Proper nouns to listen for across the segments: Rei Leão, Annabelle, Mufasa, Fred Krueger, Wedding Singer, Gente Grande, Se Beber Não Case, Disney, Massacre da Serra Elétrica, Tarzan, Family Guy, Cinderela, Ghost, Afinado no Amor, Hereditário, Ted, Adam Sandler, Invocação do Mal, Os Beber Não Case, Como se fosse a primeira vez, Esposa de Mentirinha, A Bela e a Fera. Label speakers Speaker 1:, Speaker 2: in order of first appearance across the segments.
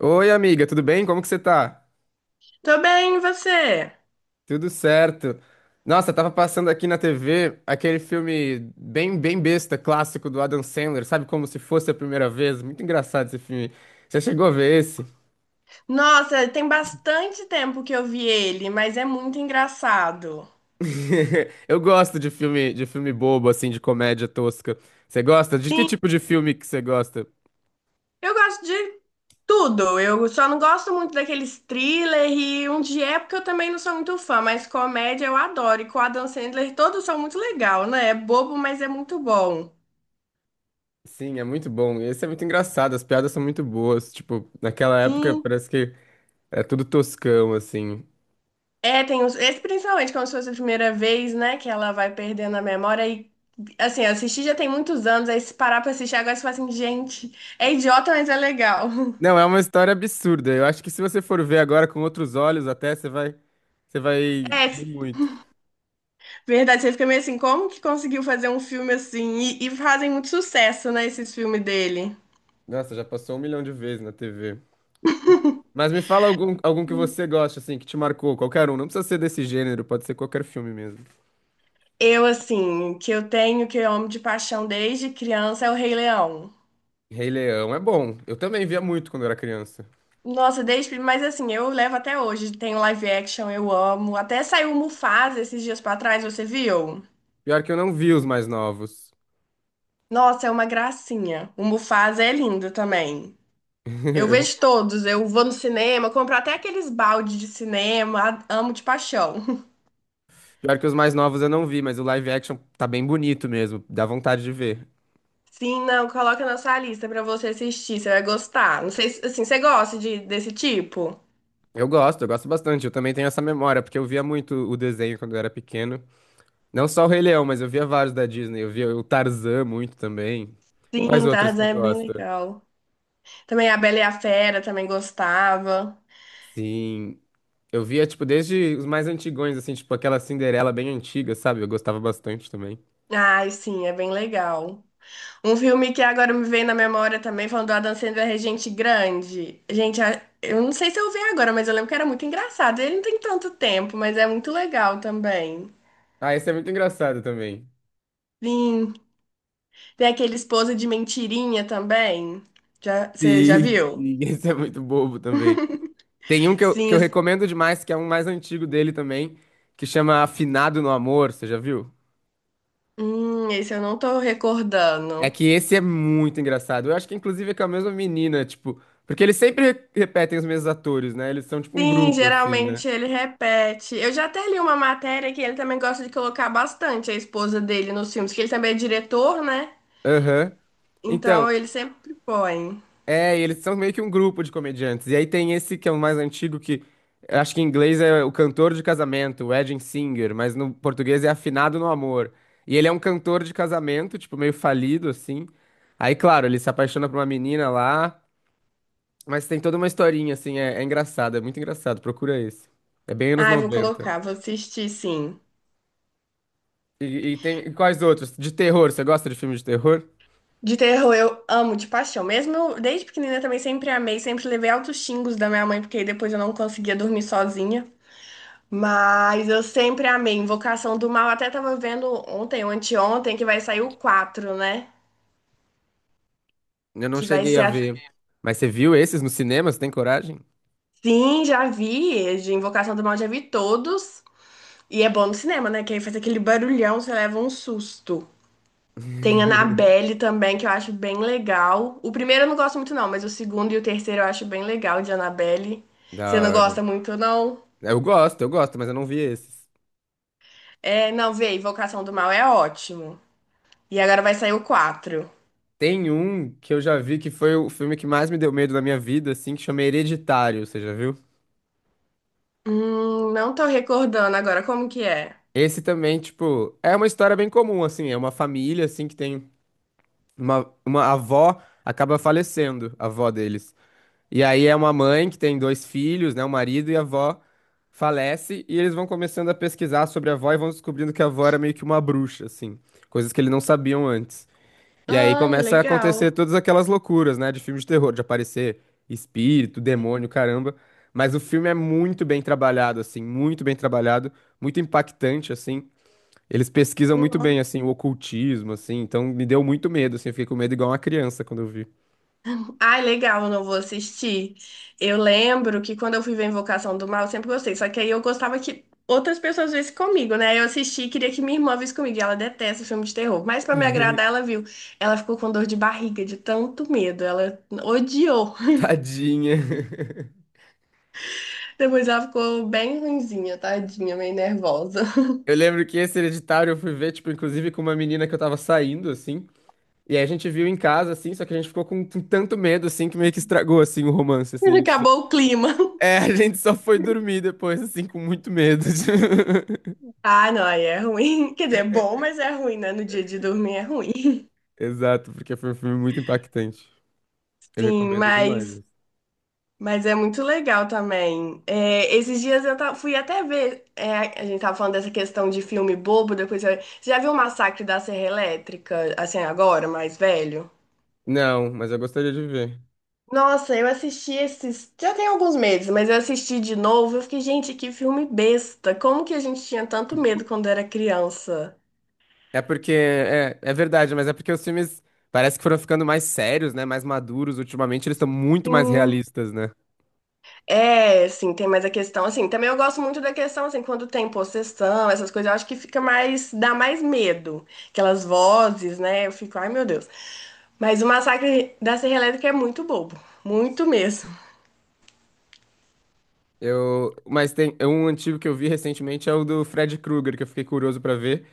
Speaker 1: Oi, amiga, tudo bem? Como que você tá?
Speaker 2: Tô bem, e você?
Speaker 1: Tudo certo. Nossa, tava passando aqui na TV aquele filme bem besta, clássico do Adam Sandler, sabe? Como se fosse a primeira vez. Muito engraçado esse filme. Você chegou a ver esse?
Speaker 2: Nossa, tem bastante tempo que eu vi ele, mas é muito engraçado.
Speaker 1: Eu gosto de filme bobo, assim, de comédia tosca. Você gosta? De que
Speaker 2: Sim,
Speaker 1: tipo de filme que você gosta?
Speaker 2: eu gosto de tudo. Eu só não gosto muito daqueles thriller e um de época eu também não sou muito fã, mas comédia eu adoro. E com o Adam Sandler todos são muito legal, né? É bobo, mas é muito bom.
Speaker 1: Sim, é muito bom. Esse é muito engraçado, as piadas são muito boas. Tipo, naquela época
Speaker 2: Sim.
Speaker 1: parece que é tudo toscão, assim.
Speaker 2: É, tem uns, esse principalmente como se fosse a primeira vez, né, que ela vai perdendo a memória e assim, eu assisti já tem muitos anos, aí se parar pra assistir agora você fala assim, gente, é idiota, mas é legal.
Speaker 1: Não, é uma história absurda. Eu acho que se você for ver agora com outros olhos, você vai
Speaker 2: É,
Speaker 1: rir muito.
Speaker 2: verdade, você fica meio assim, como que conseguiu fazer um filme assim? E fazem muito sucesso, né, esses filmes dele.
Speaker 1: Nossa, já passou um milhão de vezes na TV. Mas me fala algum que você gosta, assim, que te marcou, qualquer um. Não precisa ser desse gênero, pode ser qualquer filme mesmo.
Speaker 2: Eu, assim, que eu tenho, que eu amo de paixão desde criança, é o Rei Leão.
Speaker 1: Rei Leão é bom. Eu também via muito quando era criança.
Speaker 2: Nossa, desde, mas assim, eu levo até hoje. Tem o live action, eu amo. Até saiu o Mufasa esses dias pra trás, você viu?
Speaker 1: Pior que eu não vi os mais novos.
Speaker 2: Nossa, é uma gracinha. O Mufasa é lindo também. Eu
Speaker 1: Eu-
Speaker 2: vejo todos, eu vou no cinema, compro até aqueles balde de cinema, amo de paixão.
Speaker 1: Pior que os mais novos eu não vi, mas o live action tá bem bonito mesmo. Dá vontade de ver.
Speaker 2: Sim, não, coloca na sua lista pra você assistir, você vai gostar. Não sei se, assim, você gosta desse tipo?
Speaker 1: Eu gosto bastante. Eu também tenho essa memória, porque eu via muito o desenho quando eu era pequeno. Não só o Rei Leão, mas eu via vários da Disney. Eu via o Tarzan muito também. Quais
Speaker 2: Sim,
Speaker 1: outros
Speaker 2: Tarzan
Speaker 1: tu
Speaker 2: é bem
Speaker 1: gosta?
Speaker 2: legal. Também A Bela e a Fera também gostava.
Speaker 1: Sim, eu via, tipo, desde os mais antigões, assim, tipo aquela Cinderela bem antiga, sabe? Eu gostava bastante também.
Speaker 2: Ai, sim, é bem legal. Um filme que agora me veio na memória também, falando do Adam Sandler, é Gente Grande. Gente, eu não sei se eu vi agora, mas eu lembro que era muito engraçado. Ele não tem tanto tempo, mas é muito legal também.
Speaker 1: Ah, esse é muito engraçado também.
Speaker 2: Sim, tem aquele Esposa de Mentirinha também. Já, você já
Speaker 1: Sim,
Speaker 2: viu?
Speaker 1: sim, esse é muito bobo também. Tem um que eu
Speaker 2: Sim.
Speaker 1: recomendo demais, que é um mais antigo dele também, que chama Afinado no Amor, você já viu?
Speaker 2: Esse eu não tô
Speaker 1: É
Speaker 2: recordando.
Speaker 1: que esse é muito engraçado. Eu acho que inclusive é com a mesma menina, tipo, porque eles sempre repetem os mesmos atores, né? Eles são tipo um
Speaker 2: Sim,
Speaker 1: grupo assim, né?
Speaker 2: geralmente ele repete. Eu já até li uma matéria que ele também gosta de colocar bastante a esposa dele nos filmes, que ele também é diretor, né?
Speaker 1: Aham. Então,
Speaker 2: Então ele sempre põe.
Speaker 1: é, e eles são meio que um grupo de comediantes. E aí tem esse que é o mais antigo que eu acho que em inglês é o cantor de casamento, o Wedding Singer, mas no português é Afinado no Amor. E ele é um cantor de casamento, tipo meio falido assim. Aí, claro, ele se apaixona por uma menina lá, mas tem toda uma historinha assim, é engraçado, é muito engraçado. Procura esse. É bem anos
Speaker 2: Ai, vou
Speaker 1: noventa.
Speaker 2: colocar, vou assistir sim.
Speaker 1: E, e tem quais outros? De terror, você gosta de filme de terror?
Speaker 2: De terror eu amo de paixão. Mesmo eu, desde pequenina também sempre amei, sempre levei altos xingos da minha mãe, porque depois eu não conseguia dormir sozinha. Mas eu sempre amei. Invocação do Mal, até tava vendo ontem ou anteontem que vai sair o quatro, né?
Speaker 1: Eu não
Speaker 2: Que vai
Speaker 1: cheguei a
Speaker 2: ser a...
Speaker 1: ver. Mas você viu esses no cinema? Você tem coragem?
Speaker 2: Sim, já vi. De Invocação do Mal já vi todos. E é bom no cinema, né? Que aí faz aquele barulhão, você leva um susto. Tem Annabelle também, que eu acho bem legal. O primeiro eu não gosto muito, não, mas o segundo e o terceiro eu acho bem legal de Annabelle.
Speaker 1: Da
Speaker 2: Você não gosta
Speaker 1: hora.
Speaker 2: muito, não?
Speaker 1: Eu gosto, mas eu não vi esses.
Speaker 2: É, não, vê, Invocação do Mal é ótimo. E agora vai sair o quatro.
Speaker 1: Tem um que eu já vi que foi o filme que mais me deu medo na minha vida, assim, que chama Hereditário, você já viu?
Speaker 2: Não tô recordando agora como que é.
Speaker 1: Esse também, tipo, é uma história bem comum, assim, é uma família, assim, que tem uma avó acaba falecendo, a avó deles. E aí é uma mãe que tem dois filhos, né? O marido e a avó falece e eles vão começando a pesquisar sobre a avó e vão descobrindo que a avó era meio que uma bruxa, assim, coisas que eles não sabiam antes. E aí
Speaker 2: Ai,
Speaker 1: começa a
Speaker 2: legal.
Speaker 1: acontecer todas aquelas loucuras, né, de filme de terror, de aparecer espírito, demônio, caramba. Mas o filme é muito bem trabalhado, assim, muito bem trabalhado, muito impactante, assim. Eles pesquisam muito bem, assim, o ocultismo, assim. Então me deu muito medo, assim, eu fiquei com medo igual uma criança quando eu vi.
Speaker 2: Ai, legal, não vou assistir. Eu lembro que quando eu fui ver Invocação do Mal, eu sempre gostei. Só que aí eu gostava que outras pessoas vissem comigo, né? Eu assisti e queria que minha irmã visse comigo. E ela detesta filme de terror. Mas pra me agradar, ela viu. Ela ficou com dor de barriga, de tanto medo. Ela odiou.
Speaker 1: Tadinha.
Speaker 2: Depois ela ficou bem ruinzinha, tadinha, meio nervosa.
Speaker 1: Eu lembro que esse Hereditário eu fui ver, tipo, inclusive com uma menina que eu tava saindo, assim. E aí a gente viu em casa, assim, só que a gente ficou com tanto medo, assim, que meio que estragou, assim, o romance, assim.
Speaker 2: Acabou o clima.
Speaker 1: É, a gente só foi dormir depois, assim, com muito medo.
Speaker 2: Ah, não, aí é ruim. Quer dizer, é bom, mas é ruim, né? No dia de dormir é ruim.
Speaker 1: Exato, porque foi um filme muito impactante. Eu
Speaker 2: Sim,
Speaker 1: recomendo
Speaker 2: mas...
Speaker 1: demais.
Speaker 2: Mas é muito legal também. É, esses dias eu fui até ver. É, a gente tava falando dessa questão de filme bobo, depois eu... Você já viu o Massacre da Serra Elétrica, assim, agora, mais velho?
Speaker 1: Não, mas eu gostaria de ver.
Speaker 2: Nossa, eu assisti esses. Já tem alguns meses, mas eu assisti de novo. Eu fiquei, gente, que filme besta. Como que a gente tinha tanto medo quando era criança?
Speaker 1: É porque, é verdade, mas é porque os filmes parece que foram ficando mais sérios, né? Mais maduros. Ultimamente eles estão muito mais
Speaker 2: Sim.
Speaker 1: realistas, né?
Speaker 2: É, assim, tem mais a questão, assim, também eu gosto muito da questão, assim, quando tem possessão, essas coisas, eu acho que fica mais, dá mais medo, aquelas vozes, né, eu fico, ai meu Deus, mas o Massacre da Serra Elétrica é muito bobo, muito mesmo.
Speaker 1: Mas tem é um antigo que eu vi recentemente é o do Fred Krueger, que eu fiquei curioso pra ver.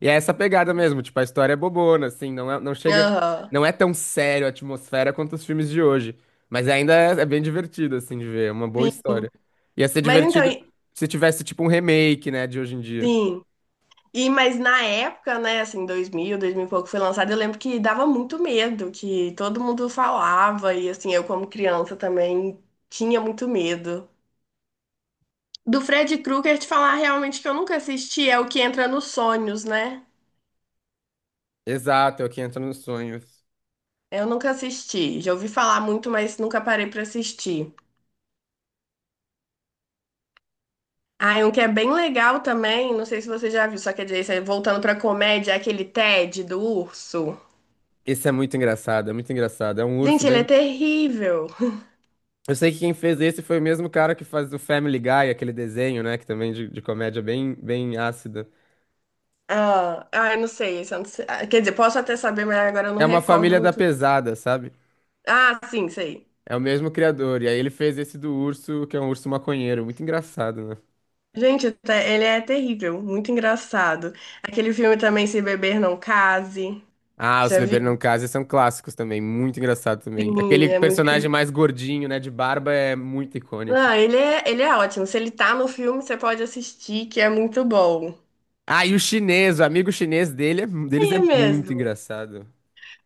Speaker 1: E é essa pegada mesmo, tipo, a história é bobona, assim,
Speaker 2: Aham,
Speaker 1: não é tão sério a atmosfera quanto os filmes de hoje, mas ainda é bem divertido assim de ver, é uma boa
Speaker 2: sim,
Speaker 1: história. Ia ser
Speaker 2: mas então,
Speaker 1: divertido
Speaker 2: e-
Speaker 1: se tivesse tipo um remake, né, de hoje em dia.
Speaker 2: sim, e, mas na época, né, assim, 2000, 2000 e pouco foi lançado, eu lembro que dava muito medo, que todo mundo falava, e assim, eu como criança também tinha muito medo. Do Fred Krueger te falar realmente que eu nunca assisti é o que entra nos sonhos, né?
Speaker 1: Exato, é o que entra nos sonhos.
Speaker 2: Eu nunca assisti. Já ouvi falar muito, mas nunca parei pra assistir. Ah, e um que é bem legal também, não sei se você já viu, só que dizer, isso, é voltando pra comédia, é aquele Ted do urso.
Speaker 1: Esse é muito engraçado, é muito engraçado. É um urso
Speaker 2: Gente, ele é
Speaker 1: bem.
Speaker 2: terrível.
Speaker 1: Eu sei que quem fez esse foi o mesmo cara que faz o Family Guy, aquele desenho, né, que também é de comédia bem ácida.
Speaker 2: Ah, ah, eu não sei, esse eu não sei. Ah, quer dizer, posso até saber, mas agora eu não
Speaker 1: É uma
Speaker 2: recordo
Speaker 1: família da
Speaker 2: muito.
Speaker 1: pesada, sabe?
Speaker 2: Ah, sim, sei.
Speaker 1: É o mesmo criador. E aí ele fez esse do urso, que é um urso maconheiro. Muito engraçado, né?
Speaker 2: Gente, ele é terrível, muito engraçado. Aquele filme também, Se Beber Não Case.
Speaker 1: Ah, Os
Speaker 2: Já
Speaker 1: Beber Não
Speaker 2: viu?
Speaker 1: Case são clássicos também. Muito engraçado também. Aquele
Speaker 2: Sim, é muito...
Speaker 1: personagem mais gordinho, né? De barba é muito icônico.
Speaker 2: Não, ele é ótimo. Se ele tá no filme, você pode assistir, que é muito bom.
Speaker 1: Ah, e o chinês, o amigo chinês dele é- deles
Speaker 2: Aí
Speaker 1: é
Speaker 2: é
Speaker 1: muito
Speaker 2: mesmo.
Speaker 1: engraçado.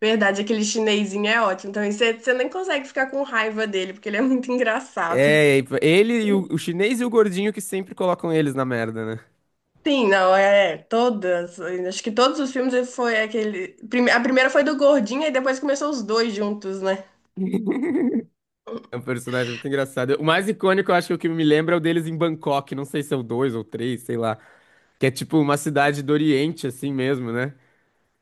Speaker 2: Verdade, aquele chinesinho é ótimo. Então, você nem consegue ficar com raiva dele, porque ele é muito engraçado.
Speaker 1: É, ele e o chinês e o gordinho que sempre colocam eles na merda, né?
Speaker 2: Sim, não, é. É, todas. Acho que todos os filmes ele foi aquele. A primeira foi do Gordinho, e depois começou os dois juntos, né?
Speaker 1: É um personagem muito engraçado. O mais icônico, eu acho que o que me lembra é o deles em Bangkok. Não sei se é o dois ou três, sei lá. Que é tipo uma cidade do Oriente, assim mesmo, né?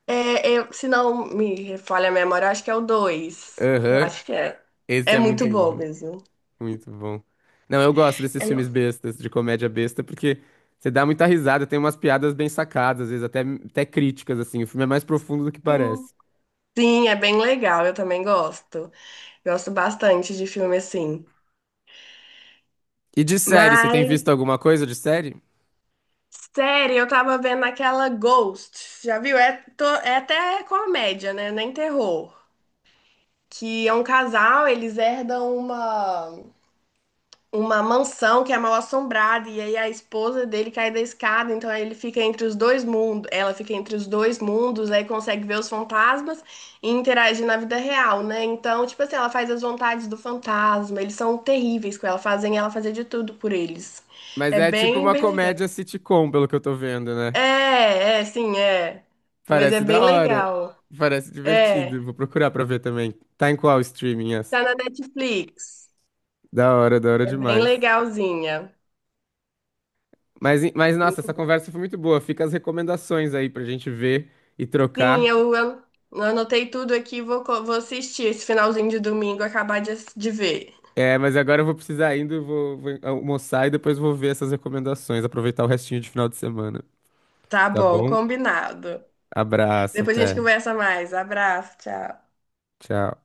Speaker 2: É, eu- se não me falha a memória, eu acho que é o dois. Eu
Speaker 1: Aham.
Speaker 2: acho que é.
Speaker 1: Esse
Speaker 2: É
Speaker 1: é muito
Speaker 2: muito bom
Speaker 1: bom.
Speaker 2: mesmo.
Speaker 1: Muito bom. Não, eu gosto desses filmes
Speaker 2: É-
Speaker 1: bestas, de comédia besta, porque você dá muita risada, tem umas piadas bem sacadas, às vezes até críticas, assim. O filme é mais profundo do que
Speaker 2: Sim.
Speaker 1: parece.
Speaker 2: Sim, é bem legal, eu também gosto. Gosto bastante de filme assim.
Speaker 1: E de série, você tem
Speaker 2: Mas,
Speaker 1: visto alguma coisa de série?
Speaker 2: série, eu tava vendo aquela Ghost. Já viu? É, é até comédia, né? Nem terror. Que é um casal, eles herdam uma... uma mansão que é mal assombrada e aí a esposa dele cai da escada, então aí ele fica entre os dois mundos, ela fica entre os dois mundos, aí consegue ver os fantasmas e interagir na vida real, né? Então, tipo assim, ela faz as vontades do fantasma, eles são terríveis com ela, fazem ela fazer de tudo por eles.
Speaker 1: Mas
Speaker 2: É
Speaker 1: é tipo
Speaker 2: bem,
Speaker 1: uma
Speaker 2: bem legal.
Speaker 1: comédia sitcom, pelo que eu tô vendo, né?
Speaker 2: É, é, sim, é. Mas é
Speaker 1: Parece
Speaker 2: bem
Speaker 1: da hora.
Speaker 2: legal.
Speaker 1: Parece
Speaker 2: É,
Speaker 1: divertido. Vou procurar pra ver também. Tá em qual streaming essa?
Speaker 2: tá na Netflix.
Speaker 1: Da hora
Speaker 2: É bem
Speaker 1: demais.
Speaker 2: legalzinha.
Speaker 1: Mas, nossa,
Speaker 2: Muito...
Speaker 1: essa conversa foi muito boa. Fica as recomendações aí pra gente ver e
Speaker 2: Sim,
Speaker 1: trocar.
Speaker 2: eu anotei tudo aqui e vou, vou assistir esse finalzinho de domingo, acabar de, de ver.
Speaker 1: É, mas agora eu vou precisar indo, vou almoçar e depois vou ver essas recomendações, aproveitar o restinho de final de semana.
Speaker 2: Tá
Speaker 1: Tá
Speaker 2: bom,
Speaker 1: bom?
Speaker 2: combinado.
Speaker 1: Abraço,
Speaker 2: Depois a gente
Speaker 1: até.
Speaker 2: conversa mais. Abraço, tchau.
Speaker 1: Tchau.